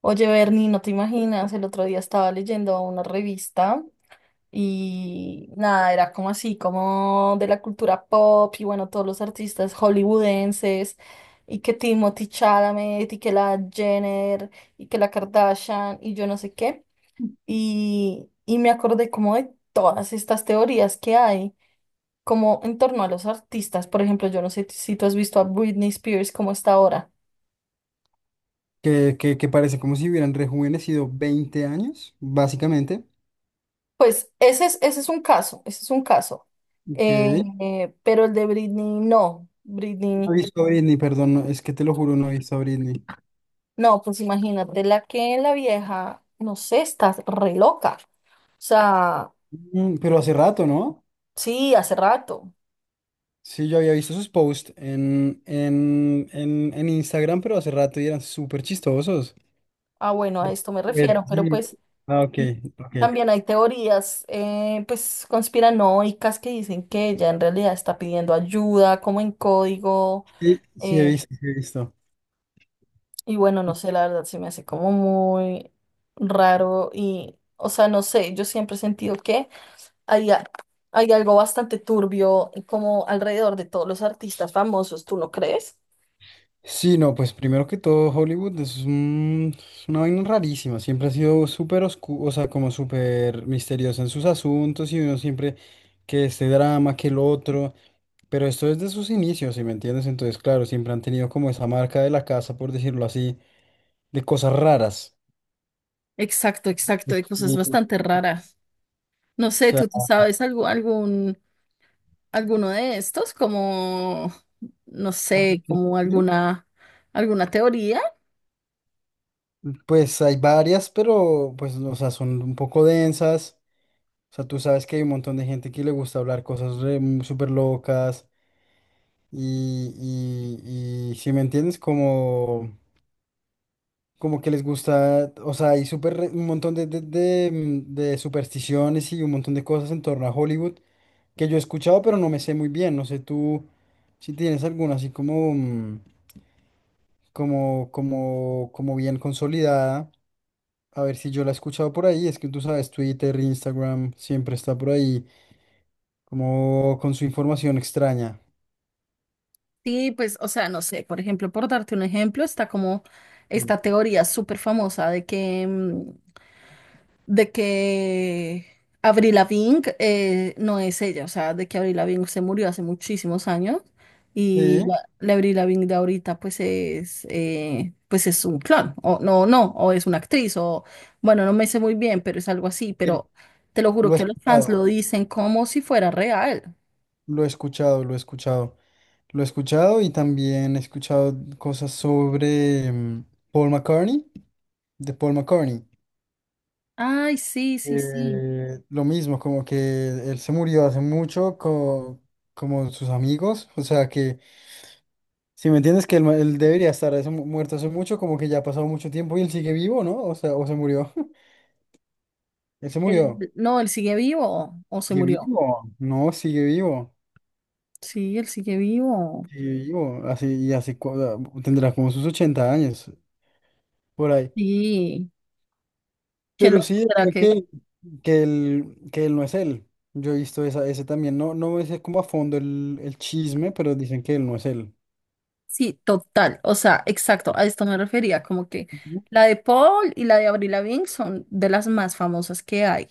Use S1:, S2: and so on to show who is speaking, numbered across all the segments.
S1: Oye, Bernie, no te imaginas, el otro día estaba leyendo una revista y nada, era como así, como de la cultura pop y bueno, todos los artistas hollywoodenses y que Timothy Chalamet y que la Jenner y que la Kardashian y yo no sé qué. Y me acordé como de todas estas teorías que hay, como en torno a los artistas. Por ejemplo, yo no sé si tú has visto a Britney Spears como está ahora.
S2: Que parece como si hubieran rejuvenecido 20 años, básicamente.
S1: Pues ese es un caso, ese es un caso.
S2: Ok.
S1: Eh, pero el de Britney no, Britney
S2: No he visto a Britney, perdón, no, es que te lo juro, no he visto a Britney.
S1: no, pues imagínate la que la vieja, no sé, está re loca. O sea,
S2: Mm, pero hace rato, ¿no?
S1: sí, hace rato.
S2: Sí, yo había visto sus posts en Instagram, pero hace rato y eran súper chistosos.
S1: Ah, bueno, a esto me
S2: De-
S1: refiero, pero
S2: sí.
S1: pues
S2: Ah, ok,
S1: y
S2: ok.
S1: también hay teorías, pues conspiranoicas que dicen que ella en realidad está pidiendo ayuda, como en código.
S2: Sí, sí he
S1: eh,
S2: visto, sí he visto.
S1: Y bueno, no sé, la verdad se me hace como muy raro y, o sea, no sé, yo siempre he sentido que hay, a- hay algo bastante turbio como alrededor de todos los artistas famosos, ¿tú no crees?
S2: Sí, no, pues primero que todo, Hollywood es, un- es una vaina rarísima. Siempre ha sido súper oscuro, o sea, como súper misteriosa en sus asuntos y uno siempre que este drama, que el otro. Pero esto es de sus inicios, ¿si me entiendes? Entonces, claro, siempre han tenido como esa marca de la casa, por decirlo así, de cosas raras.
S1: Exacto, exacto, hay cosas
S2: Y, o
S1: bastante raras. No sé,
S2: sea,
S1: ¿tú te sabes algo, algún, alguno de estos? Como, no sé, como alguna, alguna teoría.
S2: pues hay varias, pero pues, o sea, son un poco densas. O sea, tú sabes que hay un montón de gente que le gusta hablar cosas re- súper locas. Y, y si me entiendes, como, como que les gusta, o sea, hay súper re- un montón de de supersticiones y un montón de cosas en torno a Hollywood que yo he escuchado, pero no me sé muy bien. No sé tú si tienes alguna así como, como, como, como bien consolidada. A ver si yo la he escuchado por ahí. Es que tú sabes, Twitter, Instagram, siempre está por ahí, como con su información extraña.
S1: Sí, pues, o sea, no sé, por ejemplo, por darte un ejemplo, está como esta
S2: Sí.
S1: teoría súper famosa de que Avril Lavigne no es ella, o sea, de que Avril Lavigne se murió hace muchísimos años y
S2: Sí,
S1: la Avril Lavigne de ahorita pues es un clon, o no, no, o es una actriz, o bueno, no me sé muy bien, pero es algo así,
S2: sí,
S1: pero te lo
S2: lo
S1: juro
S2: he
S1: que los fans
S2: escuchado,
S1: lo dicen como si fuera real.
S2: lo he escuchado, lo he escuchado. Lo he escuchado y también he escuchado cosas sobre Paul McCartney, de Paul McCartney.
S1: Ay, sí, sí, sí.
S2: Lo mismo, como que él se murió hace mucho co- como sus amigos, o sea que, si me entiendes, que él, ma- él debería estar hace mu- muerto hace mucho, como que ya ha pasado mucho tiempo y él sigue vivo, ¿no? O sea, o se murió, él se
S1: Él,
S2: murió.
S1: no, él sigue vivo o se
S2: Sigue
S1: murió.
S2: vivo, no,
S1: Sí, él sigue vivo.
S2: sigue vivo, así y así cu- ah, tendrá como sus 80 años por ahí.
S1: Sí, qué
S2: Pero
S1: loco
S2: sí,
S1: será
S2: sé
S1: que.
S2: que él no es él. Yo he visto esa, ese también. No, no sé como a fondo el chisme, pero dicen que él no es él.
S1: Sí, total. O sea, exacto. A esto me refería. Como que
S2: Ujú.
S1: la de Paul y la de Avril Lavigne son de las más famosas que hay.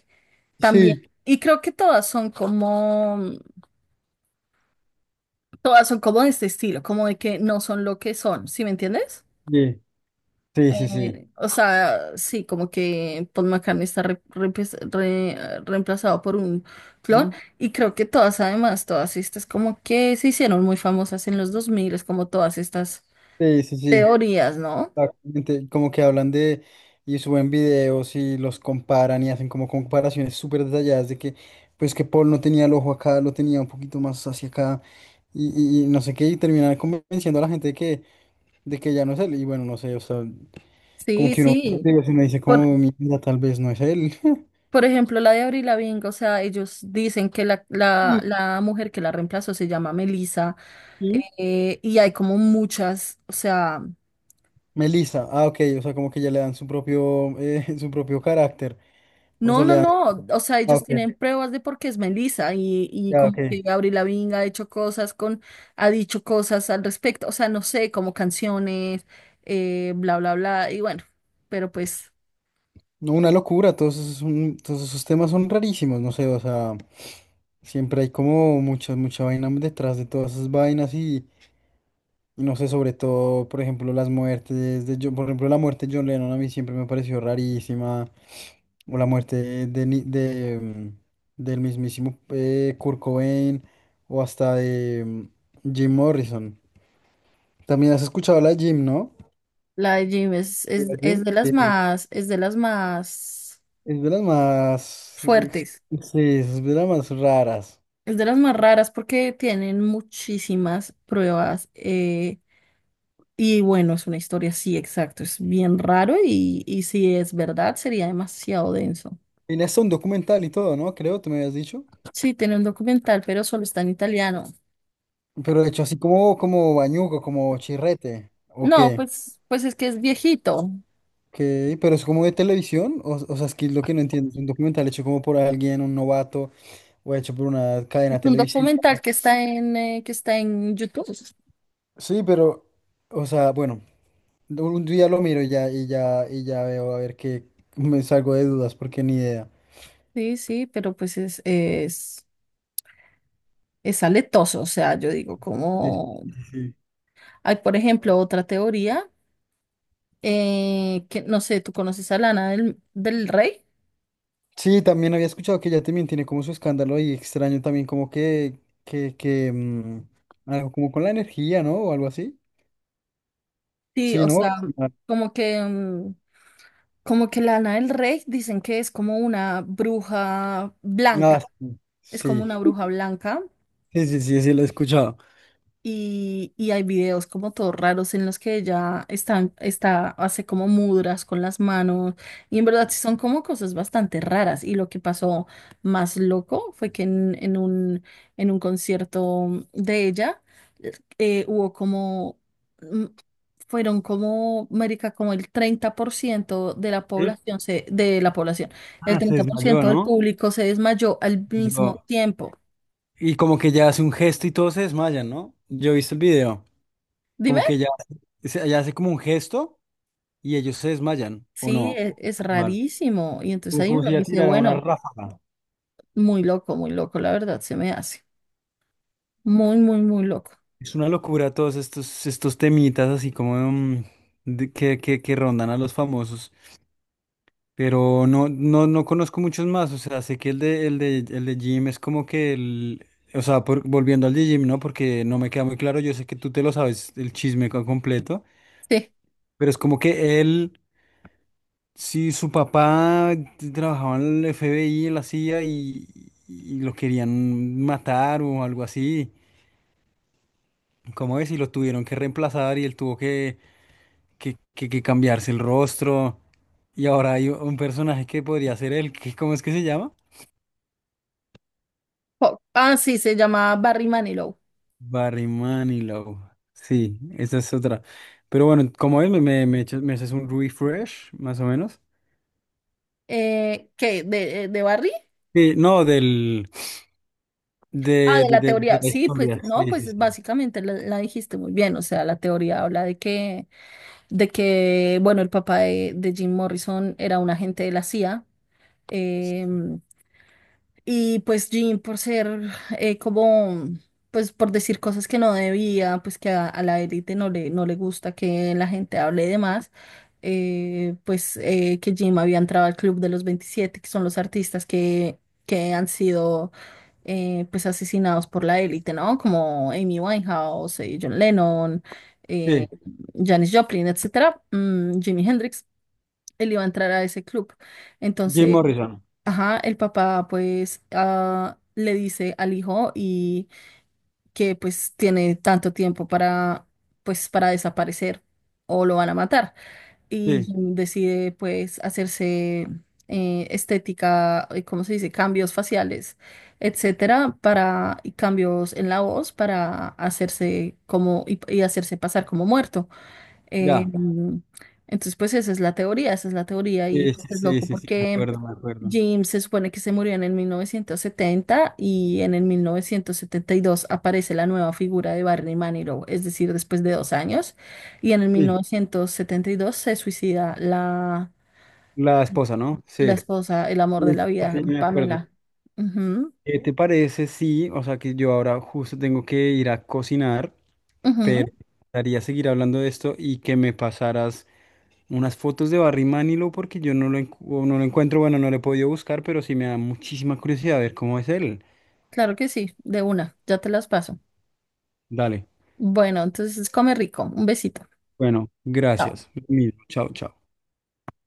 S1: También.
S2: Sí,
S1: Y creo que todas son como de este estilo, como de que no son lo que son. ¿Sí me entiendes?
S2: sí, sí, sí, sí.
S1: O sea, sí, como que Paul McCartney está reemplazado por un clon
S2: Ujú.
S1: y creo que todas, además, todas estas como que se hicieron muy famosas en los 2000 es como todas estas
S2: Sí, sí, sí.
S1: teorías, ¿no?
S2: Exactamente. Como que hablan de y suben videos y los comparan y hacen como comparaciones súper detalladas de que, pues que Paul no tenía el ojo acá, lo tenía un poquito más hacia acá y no sé qué, y terminan convenciendo a la gente de que ya no es él. Y bueno, no sé, o sea. Como
S1: Sí,
S2: que uno
S1: sí.
S2: digo, si uno dice
S1: Por,
S2: como mira, tal vez no es él.
S1: por ejemplo, la de Avril Lavigne, o sea, ellos dicen que la mujer que la reemplazó se llama Melissa.
S2: Ujú.
S1: Y hay como muchas, o sea...
S2: Melissa, ah, ok, o sea, como que ya le dan su propio, su propio carácter. O
S1: No,
S2: sea, le
S1: no,
S2: dan.
S1: no. O sea,
S2: Ah,
S1: ellos
S2: ok,
S1: tienen pruebas de por qué es Melissa y
S2: ya,
S1: como
S2: ok.
S1: que Gabriel Lavigne ha hecho cosas con, ha dicho cosas al respecto. O sea, no sé, como canciones, bla, bla, bla. Y bueno, pero pues
S2: No, una locura, todos esos, son- todos esos temas son rarísimos, no sé, o sea, siempre hay como mucha, mucha vaina detrás de todas esas vainas y no sé, sobre todo, por ejemplo, las muertes de John, por ejemplo, la muerte de John Lennon a mí siempre me pareció rarísima. O la muerte de, Ni- de, del mismísimo Kurt Cobain o hasta de Jim Morrison. También has escuchado la de Jim, ¿no?
S1: la de Jim
S2: Sí, la Jim.
S1: es de las
S2: Sí,
S1: más, es de las más
S2: es de las más. Ex-
S1: fuertes.
S2: sí, es de las más raras.
S1: Es de las más raras porque tienen muchísimas pruebas. Y bueno, es una historia, sí, exacto. Es bien raro y si es verdad, sería demasiado denso.
S2: Tiene hasta un documental y todo, ¿no? Creo, tú me habías dicho.
S1: Sí, tiene un documental, pero solo está en italiano.
S2: Pero hecho así como, como bañuco, como chirrete. ¿O
S1: No,
S2: qué?
S1: pues, pues es que es viejito.
S2: ¿Qué? Pero es como de televisión. O sea, es que lo que no entiendo es un documental hecho como por alguien, un novato, o hecho por una
S1: Es
S2: cadena
S1: un
S2: televisiva.
S1: documental que está en YouTube.
S2: Sí, pero, o sea, bueno, un día lo miro y ya, y ya, y ya veo a ver qué me salgo de dudas porque ni idea.
S1: Sí, sí, pero pues es aletoso. O sea, yo digo,
S2: Sí,
S1: como
S2: sí, sí.
S1: hay, por ejemplo, otra teoría. Que no sé, ¿tú conoces a Lana del, del Rey?
S2: Sí, también había escuchado que ella también tiene como su escándalo y extraño también como que, que algo como con la energía, ¿no? O algo así.
S1: Sí,
S2: Sí,
S1: o
S2: ¿no?
S1: sea,
S2: Ah,
S1: como que, como que Lana del Rey dicen que es como una bruja
S2: ah,
S1: blanca. Es como
S2: sí,
S1: una bruja blanca.
S2: sí, sí, sí, sí, sí, lo he escuchado.
S1: Y hay videos como todos raros en los que ella están, está, hace como mudras con las manos. Y en verdad sí son como cosas bastante raras. Y lo que pasó más loco fue que en un concierto de ella hubo como, mm, fueron como, marica, como el 30% de la
S2: ¿Eh?
S1: población, de la población, el
S2: Ah, se
S1: treinta por
S2: desmayó,
S1: ciento del
S2: ¿no?
S1: público se desmayó al
S2: Yo-
S1: mismo tiempo.
S2: y como que ya hace un gesto y todos se desmayan, ¿no? Yo he visto el video, como
S1: Dime.
S2: que ya hace como un gesto. Y ellos se desmayan, ¿o
S1: Sí,
S2: no?
S1: es
S2: Mal.
S1: rarísimo. Y entonces
S2: Como,
S1: ahí
S2: como
S1: uno
S2: si ya
S1: dice,
S2: tirara una
S1: bueno,
S2: ráfaga.
S1: muy loco, la verdad, se me hace. Muy, muy, muy loco.
S2: Es una locura todos estos, estos temitas así como de- que rondan a los famosos. Pero no, no, no conozco muchos más. O sea, sé que el de, el de, el de Jim es como que el. O sea, por- volviendo al de Jim, ¿no? Porque no me queda muy claro. Yo sé que tú te lo sabes el chisme co- completo.
S1: Sí.
S2: Pero es como que él. Sí, su papá t- trabajaba en el FBI, en la CIA, y los querían matar o algo así. ¿Cómo es? Y lo tuvieron que reemplazar y él tuvo que, que cambiarse el rostro. Y ahora hay un personaje que podría ser él, que, ¿cómo es que se llama?
S1: Ah, sí, se llama Barry Manilow.
S2: Barry Manilow. Sí, esa es otra. Pero bueno, ¿como es? Me echas- me haces un refresh, más o menos.
S1: ¿Qué? De Barry?
S2: Sí, no, del,
S1: Ah,
S2: de,
S1: de
S2: de,
S1: la
S2: de, de
S1: teoría.
S2: la
S1: Sí, pues,
S2: historia.
S1: no,
S2: Sí, sí,
S1: pues
S2: sí.
S1: básicamente la dijiste muy bien. O sea, la teoría habla de que, bueno, el papá de Jim Morrison era un agente de la CIA. Y pues Jean, por ser como, pues por decir cosas que no debía, pues que a la élite no le gusta que la gente hable de más, pues que Jim había entrado al Club de los 27, que son los artistas que han sido pues asesinados por la élite, ¿no? Como Amy Winehouse, John Lennon, eh,
S2: Sí,
S1: Janis Joplin, etcétera, Jimi Hendrix, él iba a entrar a ese club.
S2: Jim
S1: Entonces,
S2: Morrison.
S1: ajá, el papá pues le dice al hijo y que pues tiene tanto tiempo para pues para desaparecer o lo van a matar. Y
S2: Sí.
S1: Jim decide pues hacerse estética, ¿cómo se dice? Cambios faciales, etcétera, para y cambios en la voz para hacerse como y hacerse pasar como muerto. Eh,
S2: Ya,
S1: entonces, pues esa es la teoría, esa es la teoría y
S2: sí,
S1: pues
S2: sí,
S1: es
S2: sí,
S1: loco
S2: sí, sí, me
S1: porque
S2: acuerdo, me acuerdo.
S1: Jim se supone que se murió en el 1970 y en el 1972 aparece la nueva figura de Barney Manilow, es decir, después de 2 años, y en el
S2: Sí,
S1: 1972 se suicida la,
S2: la esposa, ¿no?
S1: la
S2: Sí,
S1: esposa, el amor
S2: sí,
S1: de la vida,
S2: sí, me acuerdo.
S1: Pamela. Ujú,
S2: ¿Qué te parece? Sí, o sea que yo ahora justo tengo que ir a cocinar,
S1: ujú,
S2: pero me gustaría seguir hablando de esto y que me pasaras unas fotos de Barry Manilow porque yo no lo, encu- o no lo encuentro, bueno, no lo he podido buscar, pero sí me da muchísima curiosidad ver cómo es él.
S1: claro que sí, de una, ya te las paso.
S2: Dale,
S1: Bueno, entonces come rico, un besito.
S2: bueno,
S1: Chao.
S2: gracias. Lo mismo. Chao, chao.